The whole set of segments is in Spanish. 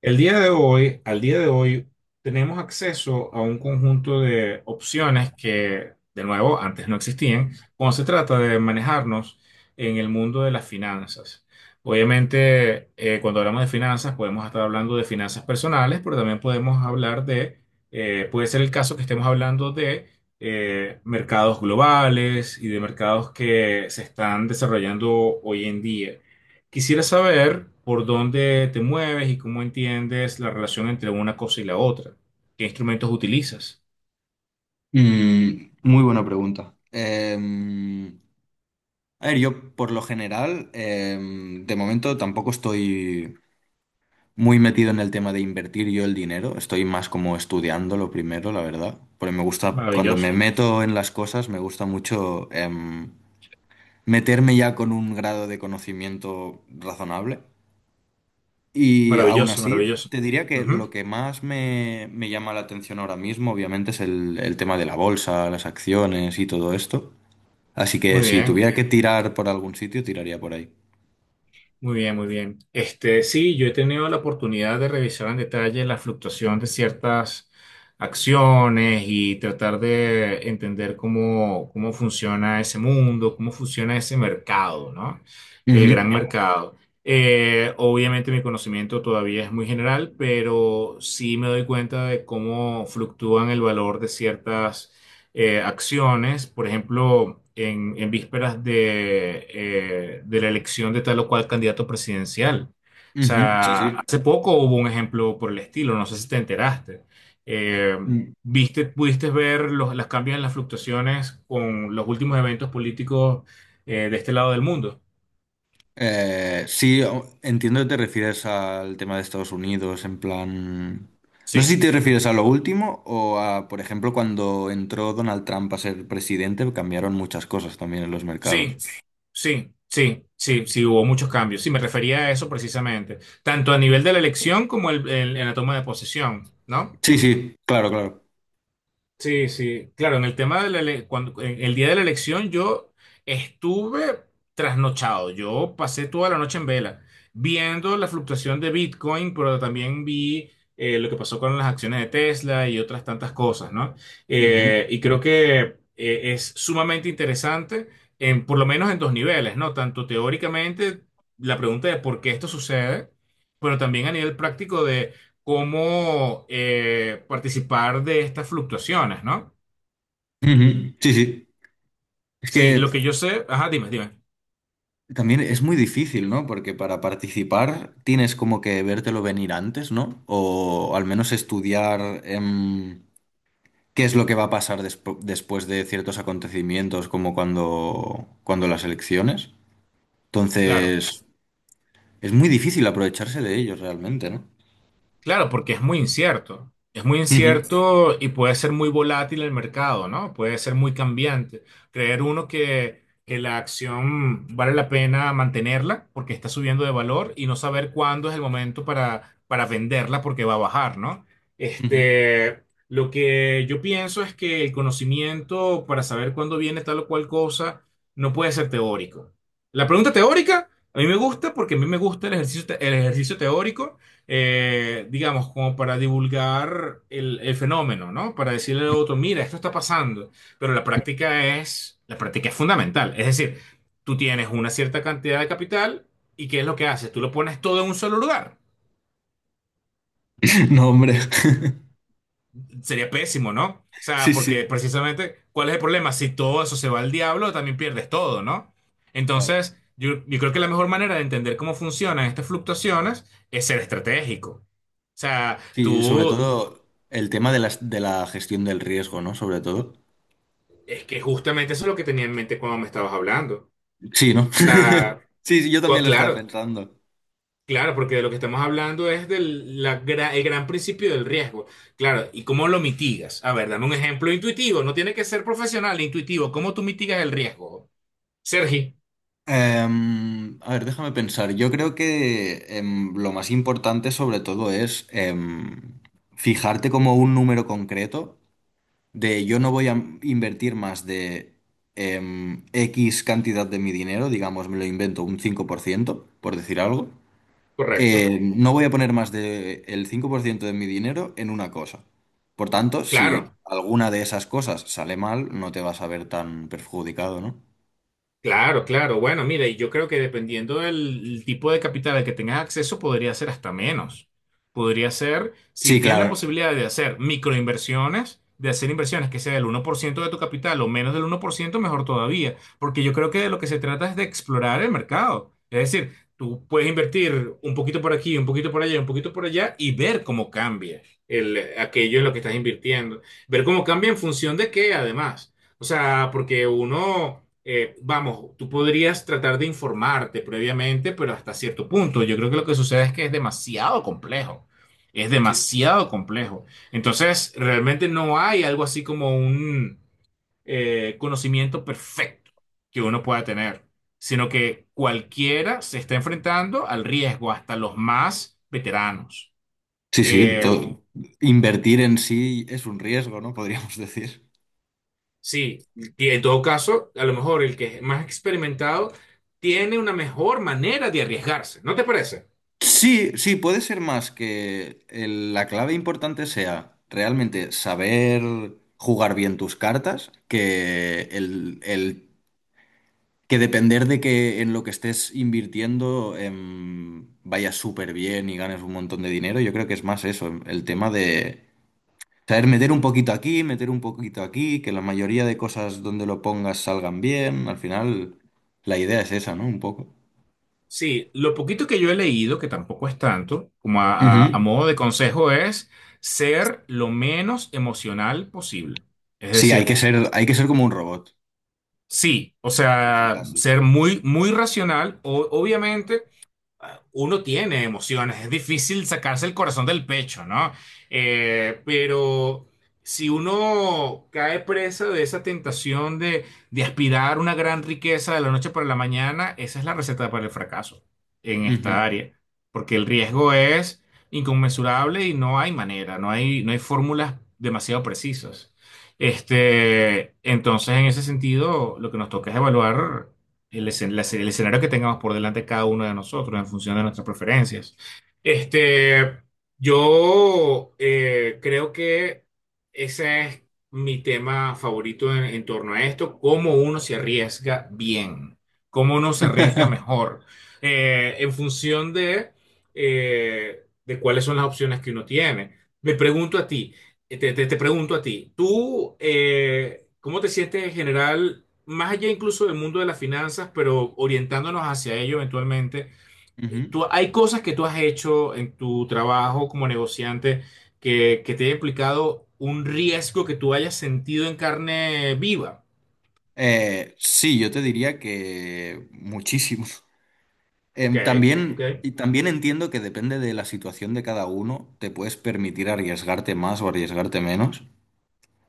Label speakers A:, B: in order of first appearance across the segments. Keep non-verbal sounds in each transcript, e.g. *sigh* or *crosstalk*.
A: El día de hoy, al día de hoy, tenemos acceso a un conjunto de opciones que, de nuevo, antes no existían, cuando se trata de manejarnos en el mundo de las finanzas. Obviamente, cuando hablamos de finanzas, podemos estar hablando de finanzas personales, pero también podemos hablar de, puede ser el caso que estemos hablando de mercados globales y de mercados que se están desarrollando hoy en día. Quisiera saber por dónde te mueves y cómo entiendes la relación entre una cosa y la otra. ¿Qué instrumentos utilizas?
B: Mm, muy buena pregunta. A ver, yo por lo general, de momento tampoco estoy muy metido en el tema de invertir yo el dinero. Estoy más como estudiando lo primero, la verdad. Porque me gusta, cuando
A: Maravilloso,
B: me meto en las cosas, me gusta mucho meterme ya con un grado de conocimiento razonable. Y aún
A: maravilloso,
B: así,
A: maravilloso.
B: te diría que
A: Ujú.
B: lo que más me llama la atención ahora mismo, obviamente, es el tema de la bolsa, las acciones y todo esto. Así
A: Muy
B: que si
A: bien.
B: tuviera que tirar por algún sitio, tiraría por ahí.
A: Muy bien, muy bien. Este, sí, yo he tenido la oportunidad de revisar en detalle la fluctuación de ciertas acciones y tratar de entender cómo, cómo funciona ese mundo, cómo funciona ese mercado, ¿no? El
B: Ujú,
A: gran mercado. Obviamente mi conocimiento todavía es muy general, pero sí me doy cuenta de cómo fluctúan el valor de ciertas acciones, por ejemplo, en vísperas de la elección de tal o cual candidato presidencial. O
B: ujú. Sí,
A: sea,
B: sí.
A: hace poco hubo un ejemplo por el estilo, no sé si te enteraste. Eh,
B: Mm.
A: ¿Viste, pudiste ver los cambios en las fluctuaciones con los últimos eventos políticos de este lado del mundo?
B: Sí, entiendo que te refieres al tema de Estados Unidos, en plan... No sé
A: Sí,
B: si te refieres a lo último o a, por ejemplo, cuando entró Donald Trump a ser presidente, cambiaron muchas cosas también en los mercados.
A: sí, sí, sí, sí, sí, hubo muchos cambios. Sí, me refería a eso precisamente, tanto a nivel de la elección como en la toma de posesión, ¿no?
B: Sí, sí, claro, claro.
A: Sí, sí, claro, en el tema de la cuando, en el día de la elección yo estuve trasnochado, yo pasé toda la noche en vela, viendo la fluctuación de Bitcoin, pero también vi lo que pasó con las acciones de Tesla y otras tantas cosas, ¿no?
B: Ujú,
A: Y creo que es sumamente interesante, en, por lo menos en dos niveles, ¿no? Tanto teóricamente la pregunta de por qué esto sucede, pero también a nivel práctico cómo participar de estas fluctuaciones, ¿no?
B: ujú. Sí, sí. Es
A: Sí, lo que yo
B: que
A: sé, ajá, dime, dime.
B: También es muy difícil, ¿no? Porque para participar tienes como que vértelo venir antes, ¿no? O al menos estudiar qué es lo que va a pasar después de ciertos acontecimientos, como cuando las elecciones.
A: Claro.
B: Entonces, es muy difícil aprovecharse de ellos realmente, ¿no?
A: Claro, porque es muy incierto. Es muy
B: Ujú,
A: incierto y puede ser muy volátil el mercado, ¿no? Puede ser muy cambiante. Creer uno que la acción vale la pena mantenerla porque está subiendo de valor y no saber cuándo es el momento para venderla porque va a bajar, ¿no?
B: ujú.
A: Este, lo que yo pienso es que el conocimiento para saber cuándo viene tal o cual cosa no puede ser teórico. La pregunta teórica a mí me gusta porque a mí me gusta el ejercicio, el ejercicio teórico digamos, como para divulgar el fenómeno, ¿no? Para decirle al otro, mira, esto está pasando, pero la práctica es fundamental. Es decir, tú tienes una cierta cantidad de capital y ¿qué es lo que haces? Tú lo pones todo en un solo lugar.
B: *laughs* No, hombre. *laughs*
A: Sería pésimo, ¿no? O sea,
B: Sí, sí,
A: porque precisamente, ¿cuál es el problema? Si todo eso se va al diablo, también pierdes todo, ¿no?
B: claro.
A: Entonces, yo, creo que la mejor manera de entender cómo funcionan estas fluctuaciones es ser estratégico. O sea,
B: Sí, sobre
A: tú.
B: todo el tema de de la gestión del riesgo, ¿no? Sobre todo.
A: Es que justamente eso es lo que tenía en mente cuando me estabas hablando. O
B: Sí, ¿no? *laughs*
A: sea,
B: Sí, sí, yo también lo estaba
A: claro,
B: pensando.
A: claro, porque de lo que estamos hablando es del el gran principio del riesgo. Claro, ¿y cómo lo mitigas? A ver, dame un ejemplo intuitivo. No tiene que ser profesional, intuitivo. ¿Cómo tú mitigas el riesgo? Sergi,
B: A ver, déjame pensar. Yo creo que lo más importante sobre todo es fijarte como un número concreto de yo no voy a invertir más de X cantidad de mi dinero, digamos, me lo invento un 5%, por decir algo.
A: correcto.
B: No voy a poner más del 5% de mi dinero en una cosa. Por tanto, si
A: Claro.
B: alguna de esas cosas sale mal, no te vas a ver tan perjudicado, ¿no?
A: Claro, claro. Bueno, mira, y yo creo que dependiendo del tipo de capital al que tengas acceso, podría ser hasta menos. Podría ser, si
B: Sí,
A: tienes la
B: claro.
A: posibilidad de hacer microinversiones, de hacer inversiones que sea del uno por ciento de tu capital o menos del uno por ciento, mejor todavía. Porque yo creo que de lo que se trata es de explorar el mercado. Es decir, tú puedes invertir un poquito por aquí, un poquito por allá, un poquito por allá y ver cómo cambia el, aquello en lo que estás invirtiendo. Ver cómo cambia en función de qué, además. O sea, porque uno, vamos, tú podrías tratar de informarte previamente, pero hasta cierto punto. Yo creo que lo que sucede es que es demasiado complejo. Es
B: Sí.
A: demasiado complejo. Entonces, realmente no hay algo así como un conocimiento perfecto que uno pueda tener, sino que cualquiera se está enfrentando al riesgo, hasta los más veteranos.
B: Sí, sí,
A: Eh,
B: to- Invertir en sí es un riesgo, ¿no? Podríamos *laughs* decir.
A: Sí, y en todo caso, a lo mejor el que es más experimentado tiene una mejor manera de arriesgarse, ¿no te parece?
B: Sí, sí, puede ser más que la clave importante sea realmente saber jugar bien tus cartas, que que depender de que en lo que estés invirtiendo vaya súper bien y ganes un montón de dinero. Yo creo que es más eso, el tema de saber meter un poquito aquí, meter un poquito aquí, que la mayoría de cosas donde lo pongas salgan bien. Al final, la idea es esa, ¿no? Un poco.
A: Sí, lo poquito que yo he leído, que tampoco es tanto, como a, a
B: Ujú.
A: modo de consejo, es ser lo menos emocional posible. Es
B: Sí,
A: decir,
B: hay que ser como un robot,
A: sí, o
B: casi
A: sea,
B: casi.
A: ser muy, muy racional, obviamente. Uno tiene emociones, es difícil sacarse el corazón del pecho, ¿no? Pero si uno cae presa de esa tentación de aspirar una gran riqueza de la noche para la mañana, esa es la receta para el fracaso en esta
B: Ujú.
A: área, porque el riesgo es inconmensurable y no hay manera, no hay, no hay fórmulas demasiado precisas. Este, entonces, en ese sentido, lo que nos toca es evaluar el, la el escenario que tengamos por delante cada uno de nosotros en función de nuestras preferencias. Este, yo creo que ese es mi tema favorito en torno a esto, cómo uno se arriesga bien, cómo uno se arriesga
B: *laughs*
A: mejor, en función de cuáles son las opciones que uno tiene. Me pregunto a ti, te, te pregunto a ti, ¿tú cómo te sientes en general? Más allá incluso del mundo de las finanzas, pero orientándonos hacia ello eventualmente,
B: Ujú.
A: tú, hay cosas que tú has hecho en tu trabajo como negociante que te haya implicado un riesgo que tú hayas sentido en carne viva.
B: Sí, yo te diría que muchísimo.
A: Ok, ok.
B: También, y también entiendo que depende de la situación de cada uno, te puedes permitir arriesgarte más o arriesgarte menos.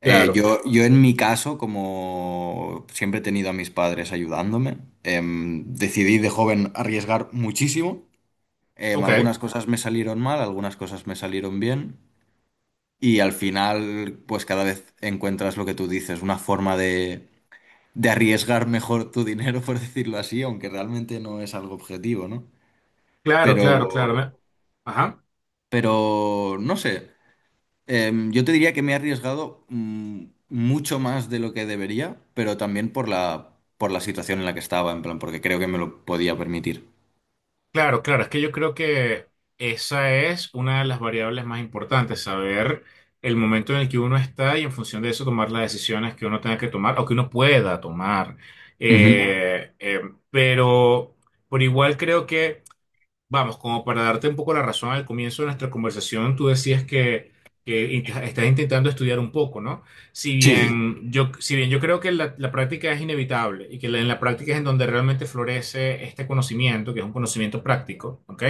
A: Claro.
B: Yo en mi caso, como siempre he tenido a mis padres ayudándome, decidí de joven arriesgar muchísimo.
A: Ok,
B: Algunas cosas me salieron mal, algunas cosas me salieron bien. Y al final, pues cada vez encuentras lo que tú dices, una forma de arriesgar mejor tu dinero, *laughs* por decirlo así, aunque realmente no es algo objetivo, ¿no?
A: claro, claro, claro.
B: Pero,
A: Ajá.
B: pero, no sé. Yo te diría que me he arriesgado mucho más de lo que debería, pero también por por la situación en la que estaba, en plan, porque creo que me lo podía permitir.
A: Claro, claro, es que yo creo que esa es una de las variables más importantes, saber el momento en el que uno está y en función de eso tomar las decisiones que uno tenga que tomar o que uno pueda tomar.
B: Ujú.
A: Eh, eh, pero por igual creo que vamos, como para darte un poco la razón al comienzo de nuestra conversación, tú decías que estás intentando estudiar un poco, ¿no? Si
B: Sí, sí,
A: bien yo, si bien yo creo que la práctica es inevitable y que en la práctica es en donde realmente florece este conocimiento, que es un conocimiento práctico, ¿ok?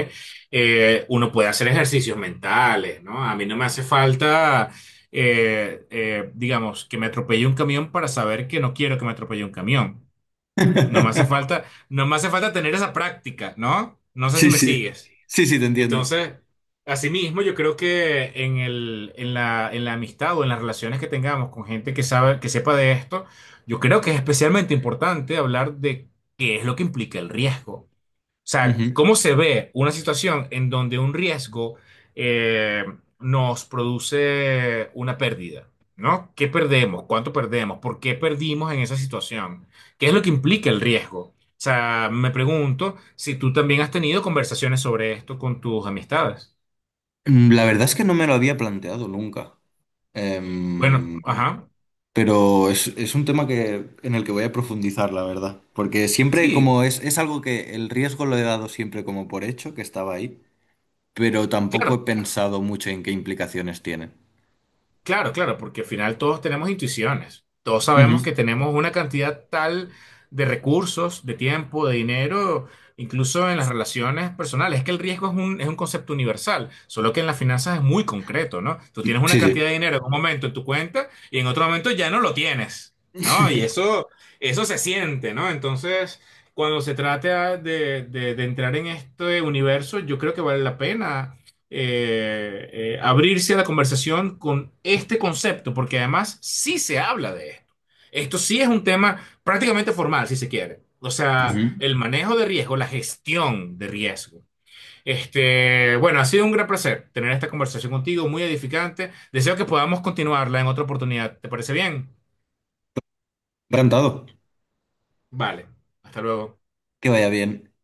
A: Uno puede hacer ejercicios mentales, ¿no? A mí no me hace falta, digamos, que me atropelle un camión para saber que no quiero que me atropelle un camión. No me hace falta, no me hace falta tener esa práctica, ¿no? No sé si
B: sí.
A: me sigues.
B: Sí, sí, te entiendo.
A: Entonces, asimismo, yo creo que en el, en la amistad o en las relaciones que tengamos con gente que sabe, que sepa de esto, yo creo que es especialmente importante hablar de qué es lo que implica el riesgo. O sea,
B: Ujú.
A: ¿cómo se ve una situación en donde un riesgo eh, nos produce una pérdida? ¿No? ¿Qué perdemos? ¿Cuánto perdemos? ¿Por qué perdimos en esa situación? ¿Qué es lo que implica el riesgo? O sea, me pregunto si tú también has tenido conversaciones sobre esto con tus amistades.
B: Mm, la verdad es que no me lo había planteado nunca.
A: Bueno,
B: Em,
A: ajá.
B: pero es un tema que, en el que voy a profundizar, la verdad. Porque siempre,
A: Sí,
B: como es algo que el riesgo lo he dado siempre como por hecho, que estaba ahí, pero tampoco he
A: claro.
B: pensado mucho en qué implicaciones tiene.
A: Claro, claro, porque al final todos tenemos intuiciones. Todos sabemos
B: Ujú.
A: que tenemos una cantidad tal de recursos, de tiempo, de dinero, incluso en las relaciones personales. Es que el riesgo es un concepto universal, solo que en las finanzas es muy concreto, ¿no? Tú tienes una
B: Sí,
A: cantidad
B: sí.
A: de dinero en un momento en tu cuenta y en otro momento ya no lo tienes, ¿no? Y
B: *laughs*
A: eso se siente, ¿no? Entonces, cuando se trata de entrar en este universo, yo creo que vale la pena abrirse a la conversación con este concepto, porque además sí se habla de esto. Esto sí es un tema prácticamente formal, si se quiere. O sea,
B: Ujú.
A: el manejo de riesgo, la gestión de riesgo. Este, bueno, ha sido un gran placer tener esta conversación contigo, muy edificante. Deseo que podamos continuarla en otra oportunidad. ¿Te parece bien?
B: Encantado.
A: Vale, hasta luego.
B: Que vaya bien.